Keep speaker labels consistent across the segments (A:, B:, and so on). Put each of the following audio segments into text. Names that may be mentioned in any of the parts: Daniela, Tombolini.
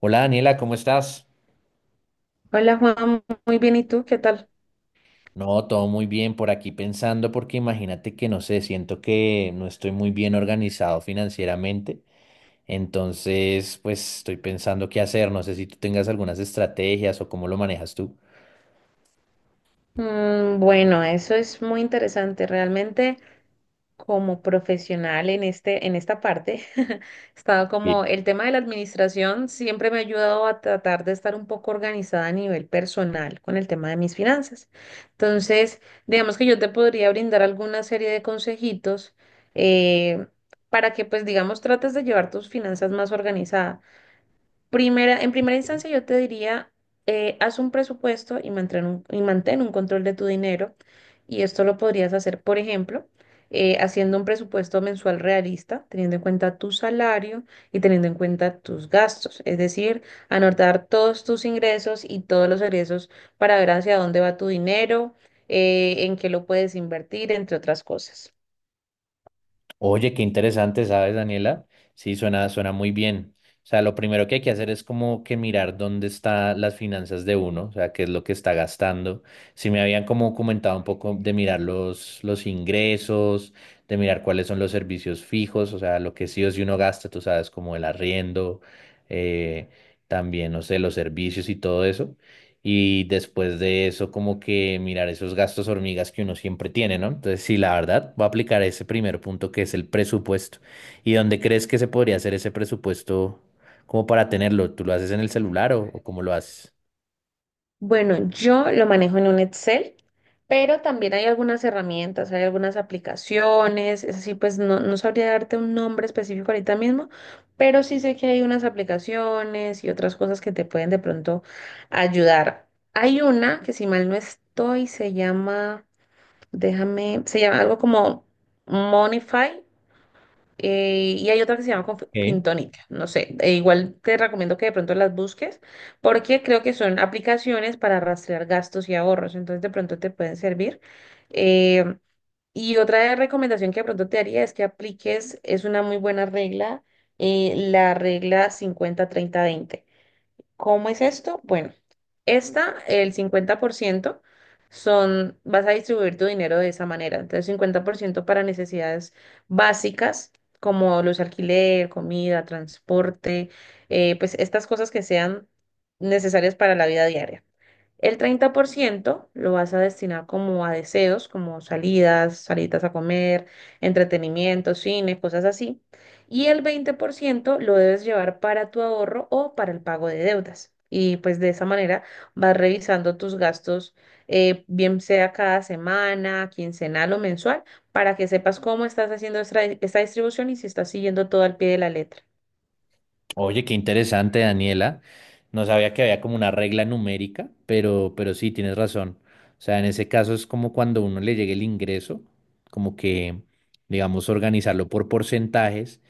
A: Hola Daniela, ¿cómo estás?
B: Hola Juan, muy bien, ¿y tú qué tal?
A: No, todo muy bien por aquí pensando porque imagínate que no sé, siento que no estoy muy bien organizado financieramente, entonces pues estoy pensando qué hacer, no sé si tú tengas algunas estrategias o cómo lo manejas tú.
B: Bueno, eso es muy interesante. Realmente como profesional en en esta parte, he estado
A: Sí.
B: como el tema de la administración siempre me ha ayudado a tratar de estar un poco organizada a nivel personal con el tema de mis finanzas. Entonces, digamos que yo te podría brindar alguna serie de consejitos eh, para que pues digamos trates de llevar tus finanzas más organizadas. En primera instancia, yo te diría, haz un presupuesto y mantén un control de tu dinero. Y esto lo podrías hacer, por ejemplo, haciendo un presupuesto mensual realista, teniendo en cuenta tu salario y teniendo en cuenta tus gastos. Es decir, anotar todos tus ingresos y todos los egresos para ver hacia dónde va tu dinero, en qué lo puedes invertir, entre otras cosas.
A: Oye, qué interesante, ¿sabes, Daniela? Sí, suena muy bien. O sea, lo primero que hay que hacer es como que mirar dónde están las finanzas de uno, o sea, qué es lo que está gastando. Si me habían como comentado un poco de mirar los ingresos, de mirar cuáles son los servicios fijos, o sea, lo que sí o sí uno gasta, tú sabes, como el arriendo, eh, también, no sé, los servicios y todo eso. Y después de eso, como que mirar esos gastos hormigas que uno siempre tiene, ¿no? Entonces, sí, la verdad, va a aplicar ese primer punto que es el presupuesto. ¿Y dónde crees que se podría hacer ese presupuesto como para tenerlo? ¿Tú lo haces en el celular o cómo lo haces?
B: Bueno, yo lo manejo en un Excel, pero también hay algunas herramientas, hay algunas aplicaciones, es así, pues no sabría darte un nombre específico ahorita mismo, pero sí sé que hay unas aplicaciones y otras cosas que te pueden de pronto ayudar. Hay una que si mal no estoy, se llama, déjame, se llama algo como Monify, y hay otra que se llama
A: Ok.
B: Fintónica, no sé, e igual te recomiendo que de pronto las busques porque creo que son aplicaciones para rastrear gastos y ahorros, entonces de pronto te pueden servir. Eh, y otra recomendación que de pronto te haría es que apliques, es una muy buena regla, la regla 50 30 20. ¿Cómo es esto? Bueno, esta, el 50% son, vas a distribuir tu dinero de esa manera. Entonces, 50% para necesidades básicas, como los alquiler, comida, transporte, pues estas cosas que sean necesarias para la vida diaria. El 30% lo vas a destinar como a deseos, como salidas, salidas a comer, entretenimiento, cine, cosas así. Y el 20% lo debes llevar para tu ahorro o para el pago de deudas. Y pues de esa manera vas revisando tus gastos, bien sea cada semana, quincenal o mensual, para que sepas cómo estás haciendo esta distribución y si estás siguiendo todo al pie de la letra.
A: Oye, qué interesante, Daniela. No sabía que había como una regla numérica, pero sí, tienes razón. O sea, en ese caso es como cuando a uno le llegue el ingreso, como que, digamos, organizarlo por porcentajes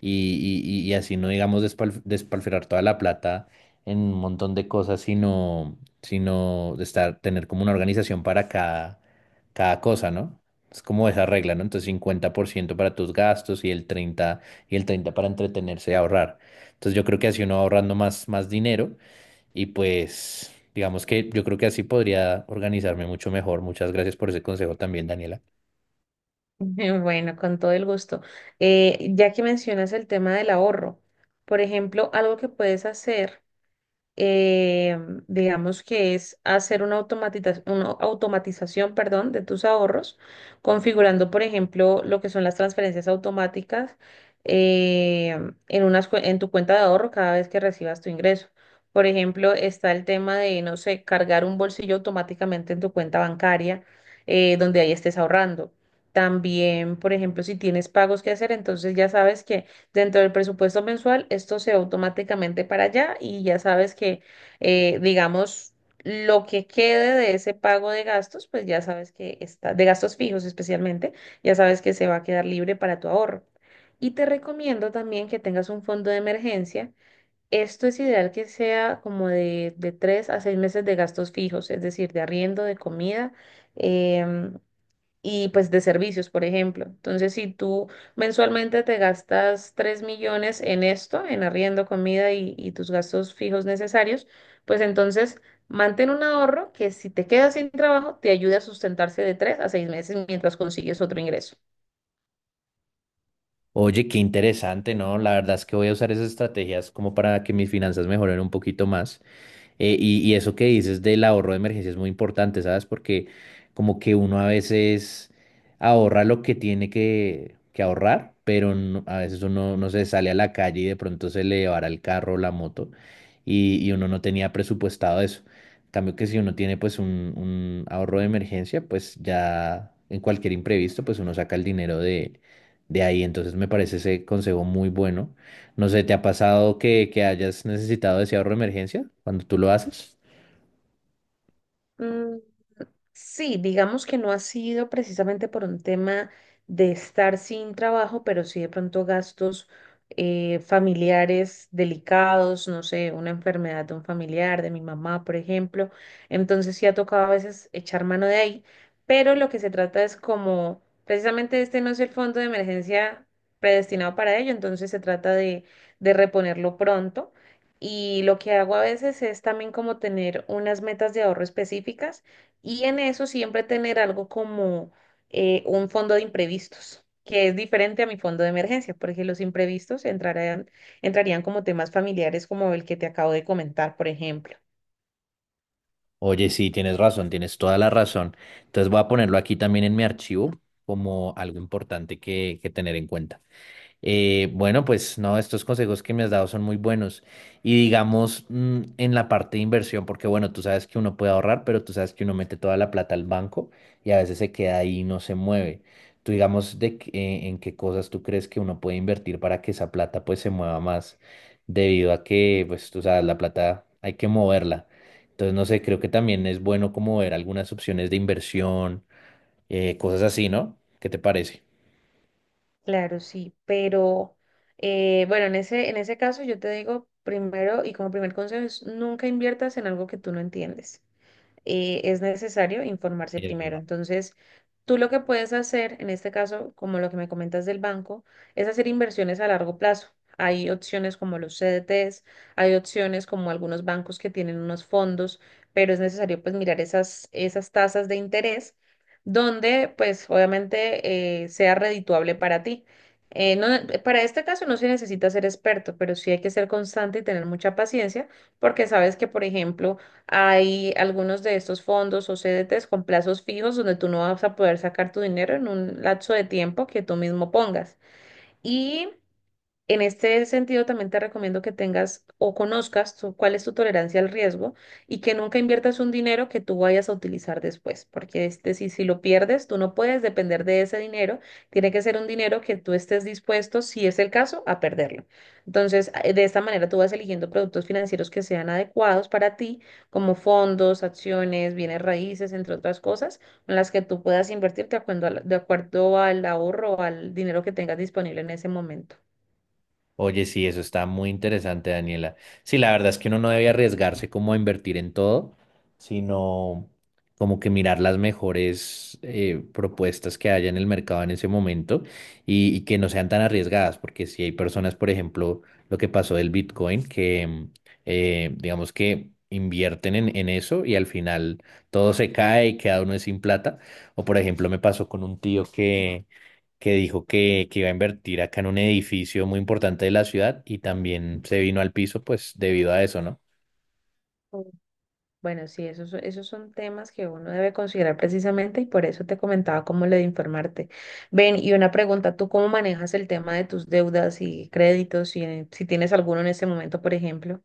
A: y así no, digamos, despilfarrar toda la plata en un montón de cosas, sino de estar, tener como una organización para cada cosa, ¿no? Es como esa regla, ¿no? Entonces, 50% para tus gastos y el 30 para entretenerse y ahorrar. Entonces yo creo que así uno va ahorrando más dinero y pues digamos que yo creo que así podría organizarme mucho mejor. Muchas gracias por ese consejo también, Daniela.
B: Bueno, con todo el gusto. Ya que mencionas el tema del ahorro, por ejemplo, algo que puedes hacer eh, digamos que es hacer una una automatización, perdón, de tus ahorros, configurando, por ejemplo, lo que son las transferencias automáticas eh, en en tu cuenta de ahorro cada vez que recibas tu ingreso. Por ejemplo, está el tema de, no sé, cargar un bolsillo automáticamente en tu cuenta bancaria, donde ahí estés ahorrando. También, por ejemplo, si tienes pagos que hacer, entonces ya sabes que dentro del presupuesto mensual, esto se va automáticamente para allá y ya sabes que, digamos, lo que quede de ese pago de gastos, pues ya sabes que está, de gastos fijos especialmente, ya sabes que se va a quedar libre para tu ahorro. Y te recomiendo también que tengas un fondo de emergencia. Esto es ideal que sea como de 3 a 6 meses de gastos fijos, es decir, de arriendo, de comida, em, y pues de servicios, por ejemplo. Entonces, si tú mensualmente te gastas 3 millones en esto, en arriendo, comida y tus gastos fijos necesarios, pues entonces mantén un ahorro que si te quedas sin trabajo, te ayude a sustentarse de 3 a 6 meses mientras consigues otro ingreso.
A: Oye, qué interesante, ¿no? La verdad es que voy a usar esas estrategias como para que mis finanzas mejoren un poquito más. Y eso que dices del ahorro de emergencia es muy importante, ¿sabes? Porque como que uno a veces ahorra lo que tiene que ahorrar, pero a veces uno no se sale a la calle y de pronto se le va el carro o la moto y uno no tenía presupuestado eso. En cambio que si uno tiene pues un ahorro de emergencia, pues ya en cualquier imprevisto, pues uno saca el dinero de ahí. Entonces me parece ese consejo muy bueno. No sé, ¿te ha pasado que hayas necesitado ese ahorro de emergencia cuando tú lo haces?
B: Sí, digamos que no ha sido precisamente por un tema de estar sin trabajo, pero sí de pronto gastos familiares delicados, no sé, una enfermedad de un familiar, de mi mamá, por ejemplo. Entonces sí ha tocado a veces echar mano de ahí, pero lo que se trata es como, precisamente este no es el fondo de emergencia predestinado para ello, entonces se trata de reponerlo pronto. Y lo que hago a veces es también como tener unas metas de ahorro específicas y en eso siempre tener algo como un fondo de imprevistos, que es diferente a mi fondo de emergencia, porque los imprevistos entrarían como temas familiares como el que te acabo de comentar, por ejemplo.
A: Oye, sí, tienes razón, tienes toda la razón. Entonces voy a ponerlo aquí también en mi archivo como algo importante que tener en cuenta. Bueno, pues no, estos consejos que me has dado son muy buenos. Y digamos, en la parte de inversión, porque bueno, tú sabes que uno puede ahorrar, pero tú sabes que uno mete toda la plata al banco y a veces se queda ahí y no se mueve. Tú digamos, ¿en qué cosas tú crees que uno puede invertir para que esa plata pues se mueva más? Debido a que, pues tú sabes, la plata hay que moverla. Entonces, no sé, creo que también es bueno como ver algunas opciones de inversión, cosas así, ¿no? ¿Qué te parece?
B: Claro, sí, pero bueno, en en ese caso yo te digo primero y como primer consejo es nunca inviertas en algo que tú no entiendes. Es necesario informarse primero. Entonces, tú lo que puedes hacer, en este caso, como lo que me comentas del banco, es hacer inversiones a largo plazo. Hay opciones como los CDTs, hay opciones como algunos bancos que tienen unos fondos, pero es necesario pues mirar esas tasas de interés donde pues obviamente sea redituable para ti. Eh, no- para este caso no se necesita ser experto, pero sí hay que ser constante y tener mucha paciencia porque sabes que, por ejemplo, hay algunos de estos fondos o CDTs con plazos fijos donde tú no vas a poder sacar tu dinero en un lapso de tiempo que tú mismo pongas. Y en este sentido, también te recomiendo que tengas o conozcas cuál es tu tolerancia al riesgo y que nunca inviertas un dinero que tú vayas a utilizar después, porque este, si lo pierdes, tú no puedes depender de ese dinero, tiene que ser un dinero que tú estés dispuesto, si es el caso, a perderlo. Entonces, de esta manera tú vas eligiendo productos financieros que sean adecuados para ti, como fondos, acciones, bienes raíces, entre otras cosas, en las que tú puedas invertir de acuerdo al ahorro o al dinero que tengas disponible en ese momento.
A: Oye, sí, eso está muy interesante, Daniela. Sí, la verdad es que uno no debe arriesgarse como a invertir en todo, sino como que mirar las mejores propuestas que haya en el mercado en ese momento y que no sean tan arriesgadas, porque si hay personas, por ejemplo, lo que pasó del Bitcoin, que digamos que invierten en eso y al final todo se cae y queda uno sin plata. O por ejemplo, me pasó con un tío que dijo que iba a invertir acá en un edificio muy importante de la ciudad y también se vino al piso, pues debido a eso, ¿no?
B: Bueno, sí, esos son temas que uno debe considerar precisamente y por eso te comentaba cómo lo de informarte. Ven, y una pregunta, ¿tú cómo manejas el tema de tus deudas y créditos, si tienes alguno en este momento, por ejemplo?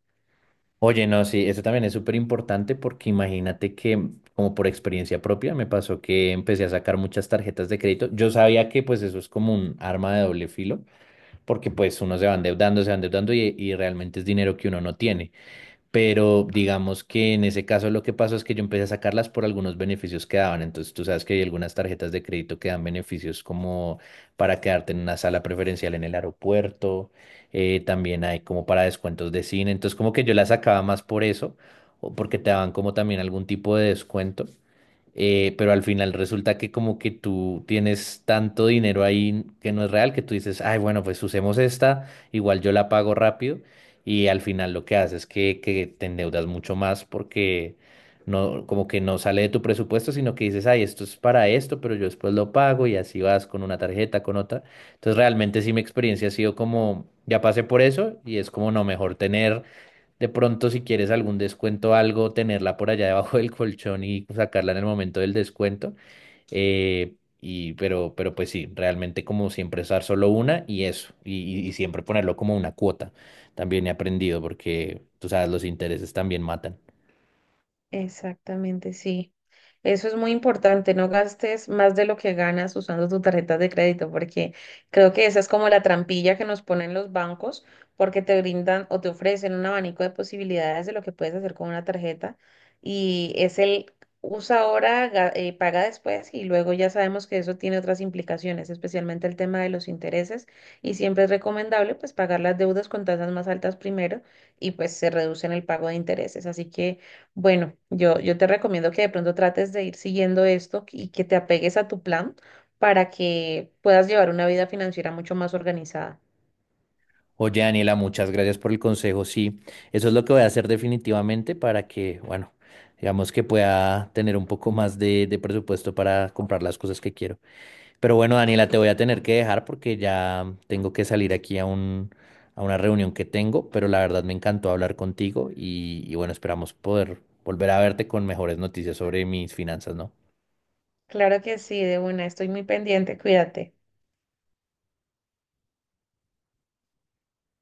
A: Oye, no, sí, eso también es súper importante porque imagínate que, como por experiencia propia, me pasó que empecé a sacar muchas tarjetas de crédito. Yo sabía que pues eso es como un arma de doble filo, porque pues uno se va endeudando y realmente es dinero que uno no tiene. Pero digamos que en ese caso lo que pasó es que yo empecé a sacarlas por algunos beneficios que daban. Entonces tú sabes que hay algunas tarjetas de crédito que dan beneficios como para quedarte en una sala preferencial en el aeropuerto, también hay como para descuentos de cine. Entonces como que yo las sacaba más por eso, o porque te daban como también algún tipo de descuento pero al final resulta que como que tú tienes tanto dinero ahí que no es real, que tú dices, ay, bueno, pues usemos esta, igual yo la pago rápido, y al final lo que haces es que te endeudas mucho más porque no, como que no sale de tu presupuesto, sino que dices, ay, esto es para esto, pero yo después lo pago y así vas con una tarjeta, con otra. Entonces realmente sí mi experiencia ha sido como, ya pasé por eso y es como, no, mejor tener de pronto, si quieres algún descuento, o algo, tenerla por allá debajo del colchón y sacarla en el momento del descuento. Eh, pero pues sí, realmente como siempre usar solo una y eso. Y siempre ponerlo como una cuota. También he aprendido porque, tú sabes, los intereses también matan.
B: Exactamente, sí. Eso es muy importante, no gastes más de lo que ganas usando tu tarjeta de crédito, porque creo que esa es como la trampilla que nos ponen los bancos, porque te brindan o te ofrecen un abanico de posibilidades de lo que puedes hacer con una tarjeta y es el usa ahora, paga después y luego ya sabemos que eso tiene otras implicaciones, especialmente el tema de los intereses y siempre es recomendable pues pagar las deudas con tasas más altas primero y pues se reducen el pago de intereses, así que bueno, yo te recomiendo que de pronto trates de ir siguiendo esto y que te apegues a tu plan para que puedas llevar una vida financiera mucho más organizada.
A: Oye, Daniela, muchas gracias por el consejo. Sí, eso es lo que voy a hacer definitivamente para que, bueno, digamos que pueda tener un poco más de presupuesto para comprar las cosas que quiero. Pero bueno, Daniela, te voy a tener que dejar porque ya tengo que salir aquí a una reunión que tengo, pero la verdad me encantó hablar contigo y bueno, esperamos poder volver a verte con mejores noticias sobre mis finanzas, ¿no?
B: Claro que sí, de una, estoy muy pendiente, cuídate.